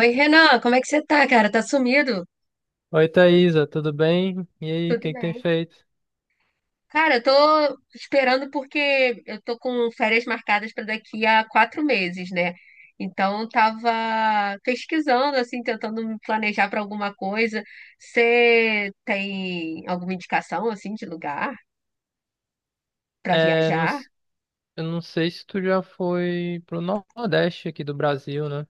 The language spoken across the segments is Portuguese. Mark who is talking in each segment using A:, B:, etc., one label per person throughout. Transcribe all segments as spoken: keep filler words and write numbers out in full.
A: Oi, Renan, como é que você tá, cara? Tá sumido?
B: Oi, Thaisa, tudo bem? E aí, o
A: Tudo
B: que que tem
A: bem.
B: feito?
A: Cara, eu tô esperando porque eu tô com férias marcadas pra daqui a quatro meses, né? Então, eu tava pesquisando, assim, tentando me planejar pra alguma coisa. Você tem alguma indicação, assim, de lugar pra
B: É, não
A: viajar?
B: s- eu não sei se tu já foi pro Nordeste aqui do Brasil, né?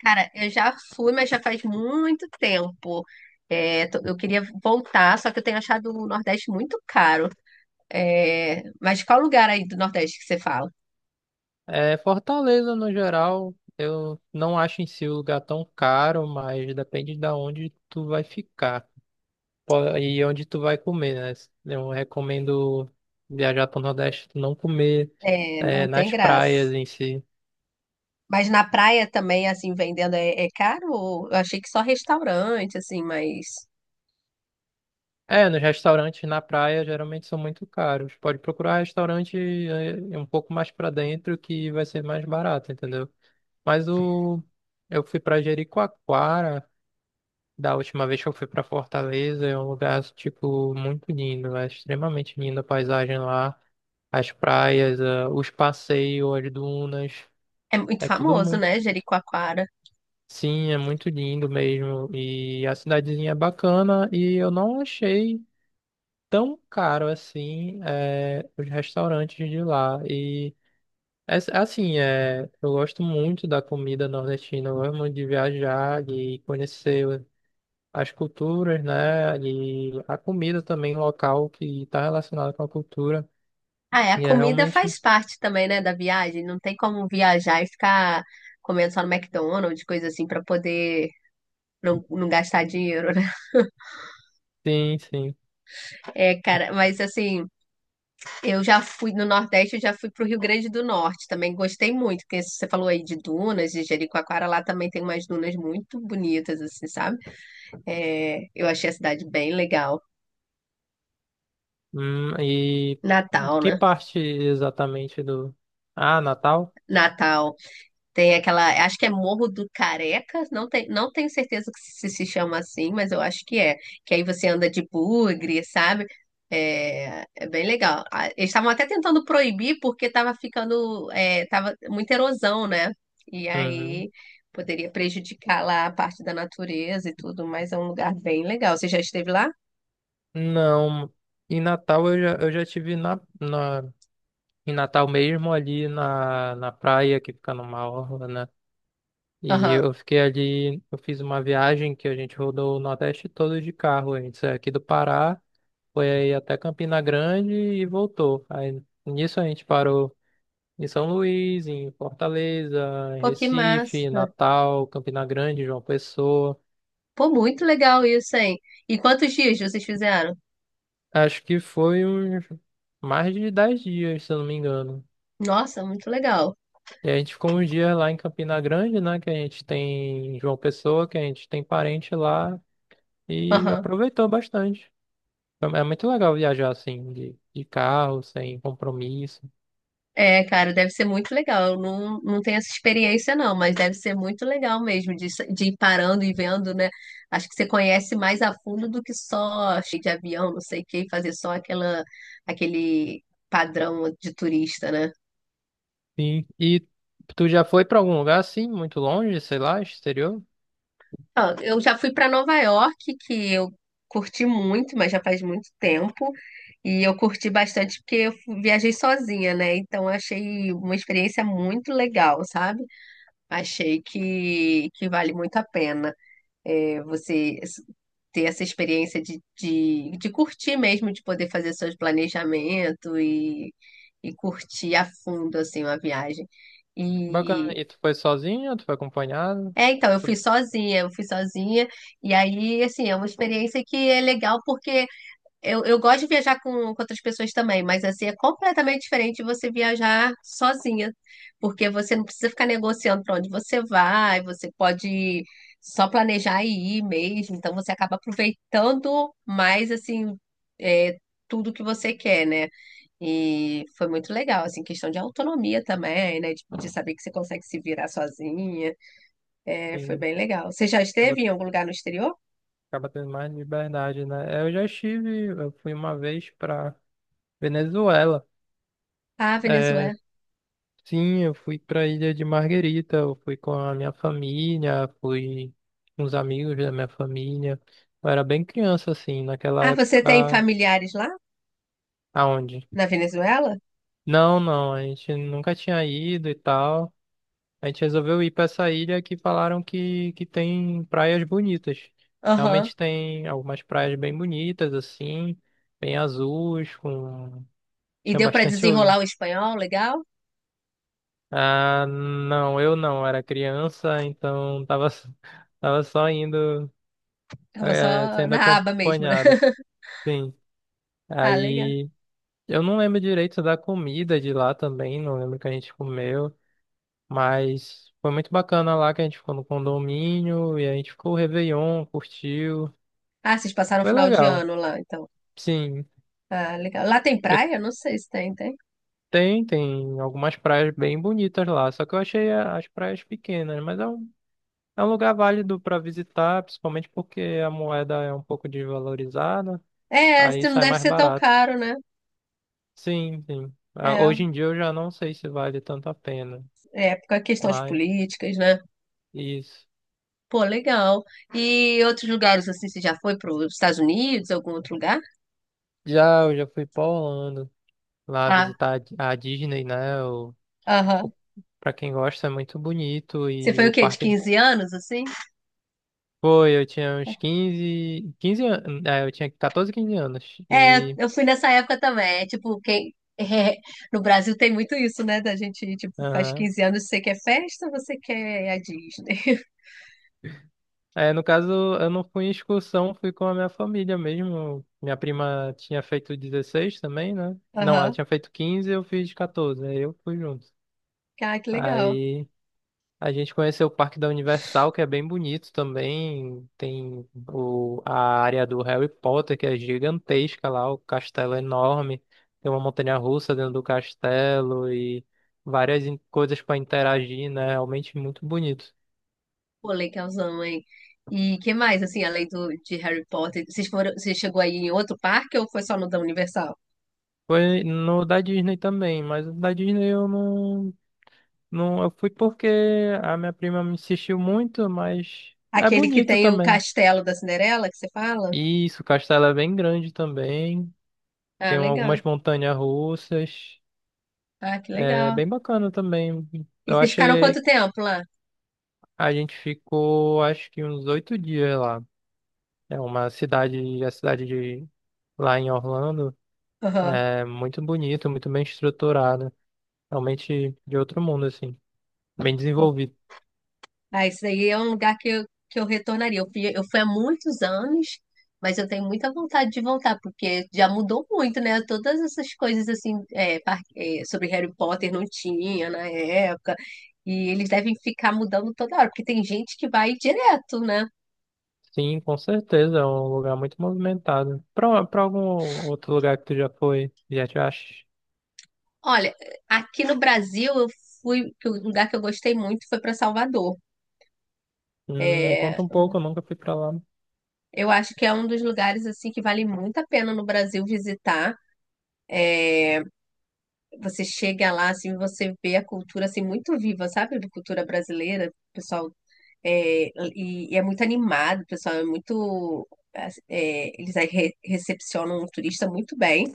A: Cara, eu já fui, mas já faz muito tempo. É, tô- eu queria voltar, só que eu tenho achado o Nordeste muito caro. É, mas qual lugar aí do Nordeste que você fala?
B: É, Fortaleza, no geral, eu não acho em si o lugar tão caro, mas depende de onde tu vai ficar, Po- e onde tu vai comer, né? Eu recomendo viajar pro Nordeste, tu não comer,
A: É,
B: é,
A: não tem
B: nas
A: graça.
B: praias em si.
A: Mas na praia também, assim, vendendo é, é caro? Eu achei que só restaurante, assim, mas
B: É, nos restaurantes na praia geralmente são muito caros. Pode procurar restaurante, é, um pouco mais pra dentro que vai ser mais barato, entendeu? Mas o eu fui pra Jericoacoara da última vez que eu fui pra Fortaleza, é um lugar tipo muito lindo, é extremamente linda a paisagem lá, as praias, é, os passeios, as dunas.
A: é muito
B: É tudo
A: famoso,
B: muito
A: né, Jericoacoara?
B: Sim, é muito lindo mesmo. E a cidadezinha é bacana e eu não achei tão caro assim, é, os restaurantes de lá. E, é, assim, é, eu gosto muito da comida nordestina, eu gosto muito de viajar, de conhecer as culturas, né? E a comida também local que está relacionada com a cultura.
A: Ah, é, a
B: E é
A: comida
B: realmente,
A: faz parte também, né, da viagem. Não tem como viajar e ficar comendo só no McDonald's, coisa assim, pra poder não, não gastar dinheiro, né?
B: sim, sim.
A: É, cara, mas assim, eu já fui no Nordeste, eu já fui pro Rio Grande do Norte, também gostei muito, porque você falou aí de dunas, de Jericoacoara, lá também tem umas dunas muito bonitas, assim, sabe? É, eu achei a cidade bem legal.
B: Hum, e
A: Natal,
B: que
A: né?
B: parte exatamente do. Ah, Natal?
A: Natal tem aquela, acho que é Morro do Careca, não, tem, não tenho certeza que se, se chama assim, mas eu acho que é. Que aí você anda de bugre, sabe? É, é bem legal. Ah, eles estavam até tentando proibir porque estava ficando, é, tava muita erosão, né? E
B: Uhum.
A: aí poderia prejudicar lá a parte da natureza e tudo, mas é um lugar bem legal. Você já esteve lá?
B: Não, em Natal eu já, eu já tive na, na, em Natal mesmo, ali na, na praia, que fica numa orla, né? E
A: Aham.
B: eu fiquei ali, eu fiz uma viagem que a gente rodou o Nordeste todo de carro. A gente saiu aqui do Pará. Foi aí até Campina Grande e voltou. Aí nisso a gente parou em São Luís, em Fortaleza, em
A: Pô, que
B: Recife,
A: massa.
B: Natal, Campina Grande, João Pessoa.
A: Pô, muito legal isso, hein? E quantos dias vocês fizeram?
B: Acho que foi uns mais de dez dias, se eu não me engano.
A: Nossa, muito legal.
B: E a gente ficou uns dias lá em Campina Grande, né? Que a gente tem em João Pessoa, que a gente tem parente lá e
A: Aham.
B: aproveitou bastante. Foi- É muito legal viajar assim, de, de carro, sem compromisso.
A: É, cara, deve ser muito legal. Eu não, não tenho essa experiência, não, mas deve ser muito legal mesmo de, de ir parando e vendo, né? Acho que você conhece mais a fundo do que só cheio de avião, não sei o quê, fazer só aquela, aquele padrão de turista, né?
B: Sim. E tu já foi pra algum lugar assim, muito longe, sei lá, exterior?
A: Ó, eu já fui para Nova York, que eu curti muito, mas já faz muito tempo. E eu curti bastante porque eu fu- viajei sozinha, né? Então eu achei uma experiência muito legal, sabe? Achei que, que vale muito a pena, é, você s- ter essa experiência de, de, de curtir mesmo, de poder fazer seus planejamentos e, e curtir a fundo assim, uma viagem.
B: Bacana. E tu foi sozinho, ou tu foi acompanhado?
A: É, então, eu fui sozinha, eu fui sozinha, e aí, assim, é uma experiência que é legal porque eu, eu gosto de viajar com, com outras pessoas também, mas assim, é completamente diferente você viajar sozinha, porque você não precisa ficar negociando para onde você vai, você pode só planejar e ir mesmo, então você acaba aproveitando mais, assim, é, tudo que você quer, né? E foi muito legal, assim, questão de autonomia também, né? De, de saber que você consegue se virar sozinha. É, foi
B: Sim.
A: bem legal. Você já
B: Acaba,
A: esteve em algum lugar no exterior?
B: acaba tendo mais liberdade, né? É, Eu já estive, eu fui uma vez pra Venezuela.
A: Ah,
B: É,
A: Venezuela.
B: sim, eu fui pra Ilha de Margarita, eu fui com a minha família, fui com os amigos da minha família. Eu era bem criança, assim, naquela
A: Ah, você tem
B: época.
A: familiares lá
B: Aonde?
A: na Venezuela?
B: Não, não, a gente nunca tinha ido e tal. A gente resolveu ir para essa ilha que falaram que, que tem praias bonitas.
A: Aham.
B: Realmente tem algumas praias bem bonitas, assim, bem azuis, com.
A: E
B: Tinha
A: deu para
B: bastante. oi-
A: desenrolar o espanhol, legal?
B: Ah, não, eu não, era criança, então tava, tava só indo,
A: Tava
B: eh,
A: só
B: sendo
A: na aba mesmo, né?
B: acompanhado. Sim,
A: Ah, legal.
B: aí eu não lembro direito da comida de lá também, não lembro o que a gente comeu. Mas foi muito bacana lá que a gente ficou no condomínio e a gente ficou o Réveillon, curtiu.
A: Ah, vocês passaram o
B: Foi
A: final de
B: legal.
A: ano lá, então.
B: Sim,
A: Ah, legal. Lá tem
B: eu
A: praia? Não sei se tem, tem.
B: tenho, tem algumas praias bem bonitas lá, só que eu achei a- as praias pequenas, mas é um, é um lugar válido para visitar, principalmente porque a moeda é um pouco desvalorizada,
A: É,
B: aí
A: se não
B: sai
A: deve
B: mais
A: ser tão
B: barato.
A: caro, né?
B: Sim, sim. Ah,
A: É,
B: hoje em dia eu já não sei se vale tanto a pena,
A: é por causa de questões
B: mas
A: políticas, né?
B: isso.
A: Pô, legal. E outros lugares, assim, você já foi para os Estados Unidos, algum outro lugar?
B: Já, eu já fui para Orlando lá
A: Ah,
B: visitar a Di- a Disney, né?
A: aham.
B: Pra quem gosta, é muito bonito
A: Você
B: e
A: foi o
B: o
A: quê? De
B: parque
A: quinze anos, assim?
B: foi, eu tinha uns quinze quinze anos, é, eu tinha catorze, quinze anos
A: É,
B: e
A: eu fui nessa época também. É, tipo, quem. No Brasil tem muito isso, né? Da gente, tipo, faz
B: aham.
A: quinze anos, você quer festa, ou você quer a Disney.
B: é, no caso, eu não fui em excursão, fui com a minha família mesmo. Minha prima tinha feito dezesseis também, né? Não, ela
A: Aham.
B: tinha feito quinze, eu fiz catorze, aí eu fui junto.
A: Ah, que legal.
B: Aí a gente conheceu o Parque da Universal, que é bem bonito também. Tem o, a área do Harry Potter, que é gigantesca lá, o castelo é enorme. Tem uma montanha-russa dentro do castelo e várias in- coisas para interagir, né? Realmente muito bonito.
A: Pô, legalzão, hein? E que mais, assim, além do, de Harry Potter? Vocês foram, você chegou aí em outro parque ou foi só no da Universal?
B: Foi no da Disney também, mas o da Disney eu não, não. Eu fui porque a minha prima me insistiu muito, mas é
A: Aquele que
B: bonito
A: tem o
B: também.
A: castelo da Cinderela, que você fala?
B: Isso, o castelo é bem grande também.
A: Ah,
B: Tem algumas
A: legal.
B: montanhas russas.
A: Ah, que
B: É
A: legal.
B: bem bacana também.
A: E
B: Eu
A: vocês ficaram
B: achei.
A: quanto tempo lá?
B: A gente ficou, acho que uns oito dias lá. É uma cidade, a cidade de lá em Orlando.
A: Aham.
B: É muito bonita, muito bem estruturada. Realmente de outro mundo, assim. Bem desenvolvido.
A: Ah, isso daí é um lugar que eu, que eu retornaria. Eu fui, eu fui há muitos anos, mas eu tenho muita vontade de voltar, porque já mudou muito, né? Todas essas coisas assim, é, par- é, sobre Harry Potter não tinha na época, e eles devem ficar mudando toda hora, porque tem gente que vai direto, né?
B: Sim, com certeza. É um lugar muito movimentado. Pra, pra algum outro lugar que tu já foi, já te acha?
A: Olha, aqui no Brasil eu fui, que o lugar que eu gostei muito foi para Salvador.
B: Hum, me
A: É,
B: conta um pouco, eu nunca fui pra lá.
A: eu acho que é um dos lugares assim que vale muito a pena no Brasil visitar. Você chega lá, assim, você vê a cultura, assim, muito viva, sabe? A cultura brasileira, o pessoal, é, e, e é muito animado, o pessoal é muito, é, eles aí re- recepcionam o turista muito bem.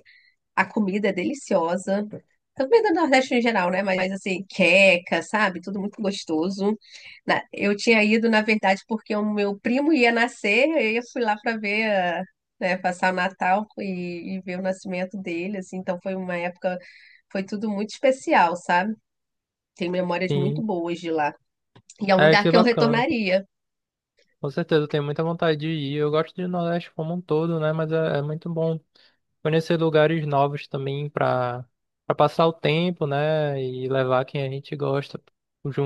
A: A comida é deliciosa. Também do Nordeste em geral, né? Mas mas, assim, queca, sabe? Tudo muito gostoso. Na- Eu tinha ido, na verdade, porque o meu primo ia nascer, e eu fui lá para ver, ah, né, passar o Natal e, e ver o nascimento dele, assim. Então foi uma época, foi tudo muito especial, sabe? Tenho memórias muito
B: Sim.
A: boas de lá. E é um
B: É,
A: lugar
B: que
A: que eu
B: bacana.
A: retornaria.
B: Com certeza, eu tenho muita vontade de ir. Eu gosto de Nordeste como um todo, né? Mas é, é muito bom conhecer lugares novos também para para passar o tempo, né? E levar quem a gente gosta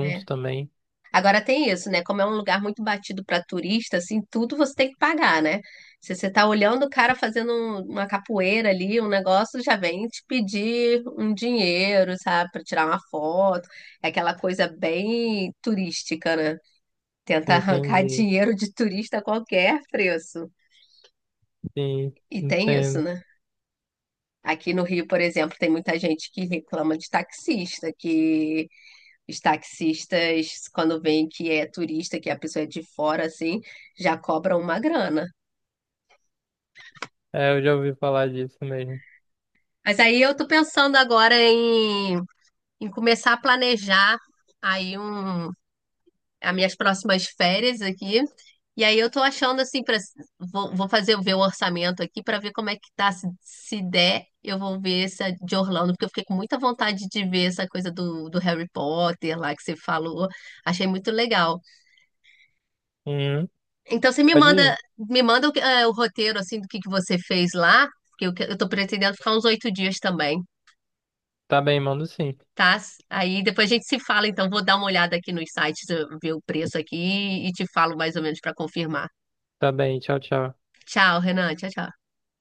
A: É.
B: também.
A: Agora tem isso, né? Como é um lugar muito batido para turista, assim, tudo você tem que pagar, né? Se você tá olhando o cara fazendo um- uma capoeira ali, um negócio, já vem te pedir um dinheiro, sabe, para tirar uma foto. É aquela coisa bem turística, né? Tenta arrancar
B: Entendi.
A: dinheiro de turista a qualquer preço.
B: Sim,
A: E tem isso,
B: entendo.
A: né? Aqui no Rio, por exemplo, tem muita gente que reclama de taxista, que Os taxistas, quando veem que é turista, que a pessoa é de fora, assim, já cobram uma grana.
B: É, eu já ouvi falar disso mesmo.
A: Mas aí eu tô pensando agora em, em começar a planejar aí um, as minhas próximas férias aqui. E aí eu tô achando assim, pra, vou, vou fazer ver o orçamento aqui para ver como é que tá. Se, se der, eu vou ver essa de Orlando, porque eu fiquei com muita vontade de ver essa coisa do, do Harry Potter lá que você falou. Achei muito legal.
B: Uhum.
A: Então você me
B: Pode
A: manda,
B: ir.
A: me manda o, que- eh, o roteiro assim do que que você fez lá, porque eu, que- eu tô pretendendo ficar uns oito dias também,
B: Tá bem, mando sim.
A: tá? Aí depois a gente se fala, então vou dar uma olhada aqui nos sites, eu ver o preço aqui e te falo mais ou menos para confirmar.
B: Tá bem, tchau, tchau.
A: Tchau, Renan, tchau, tchau.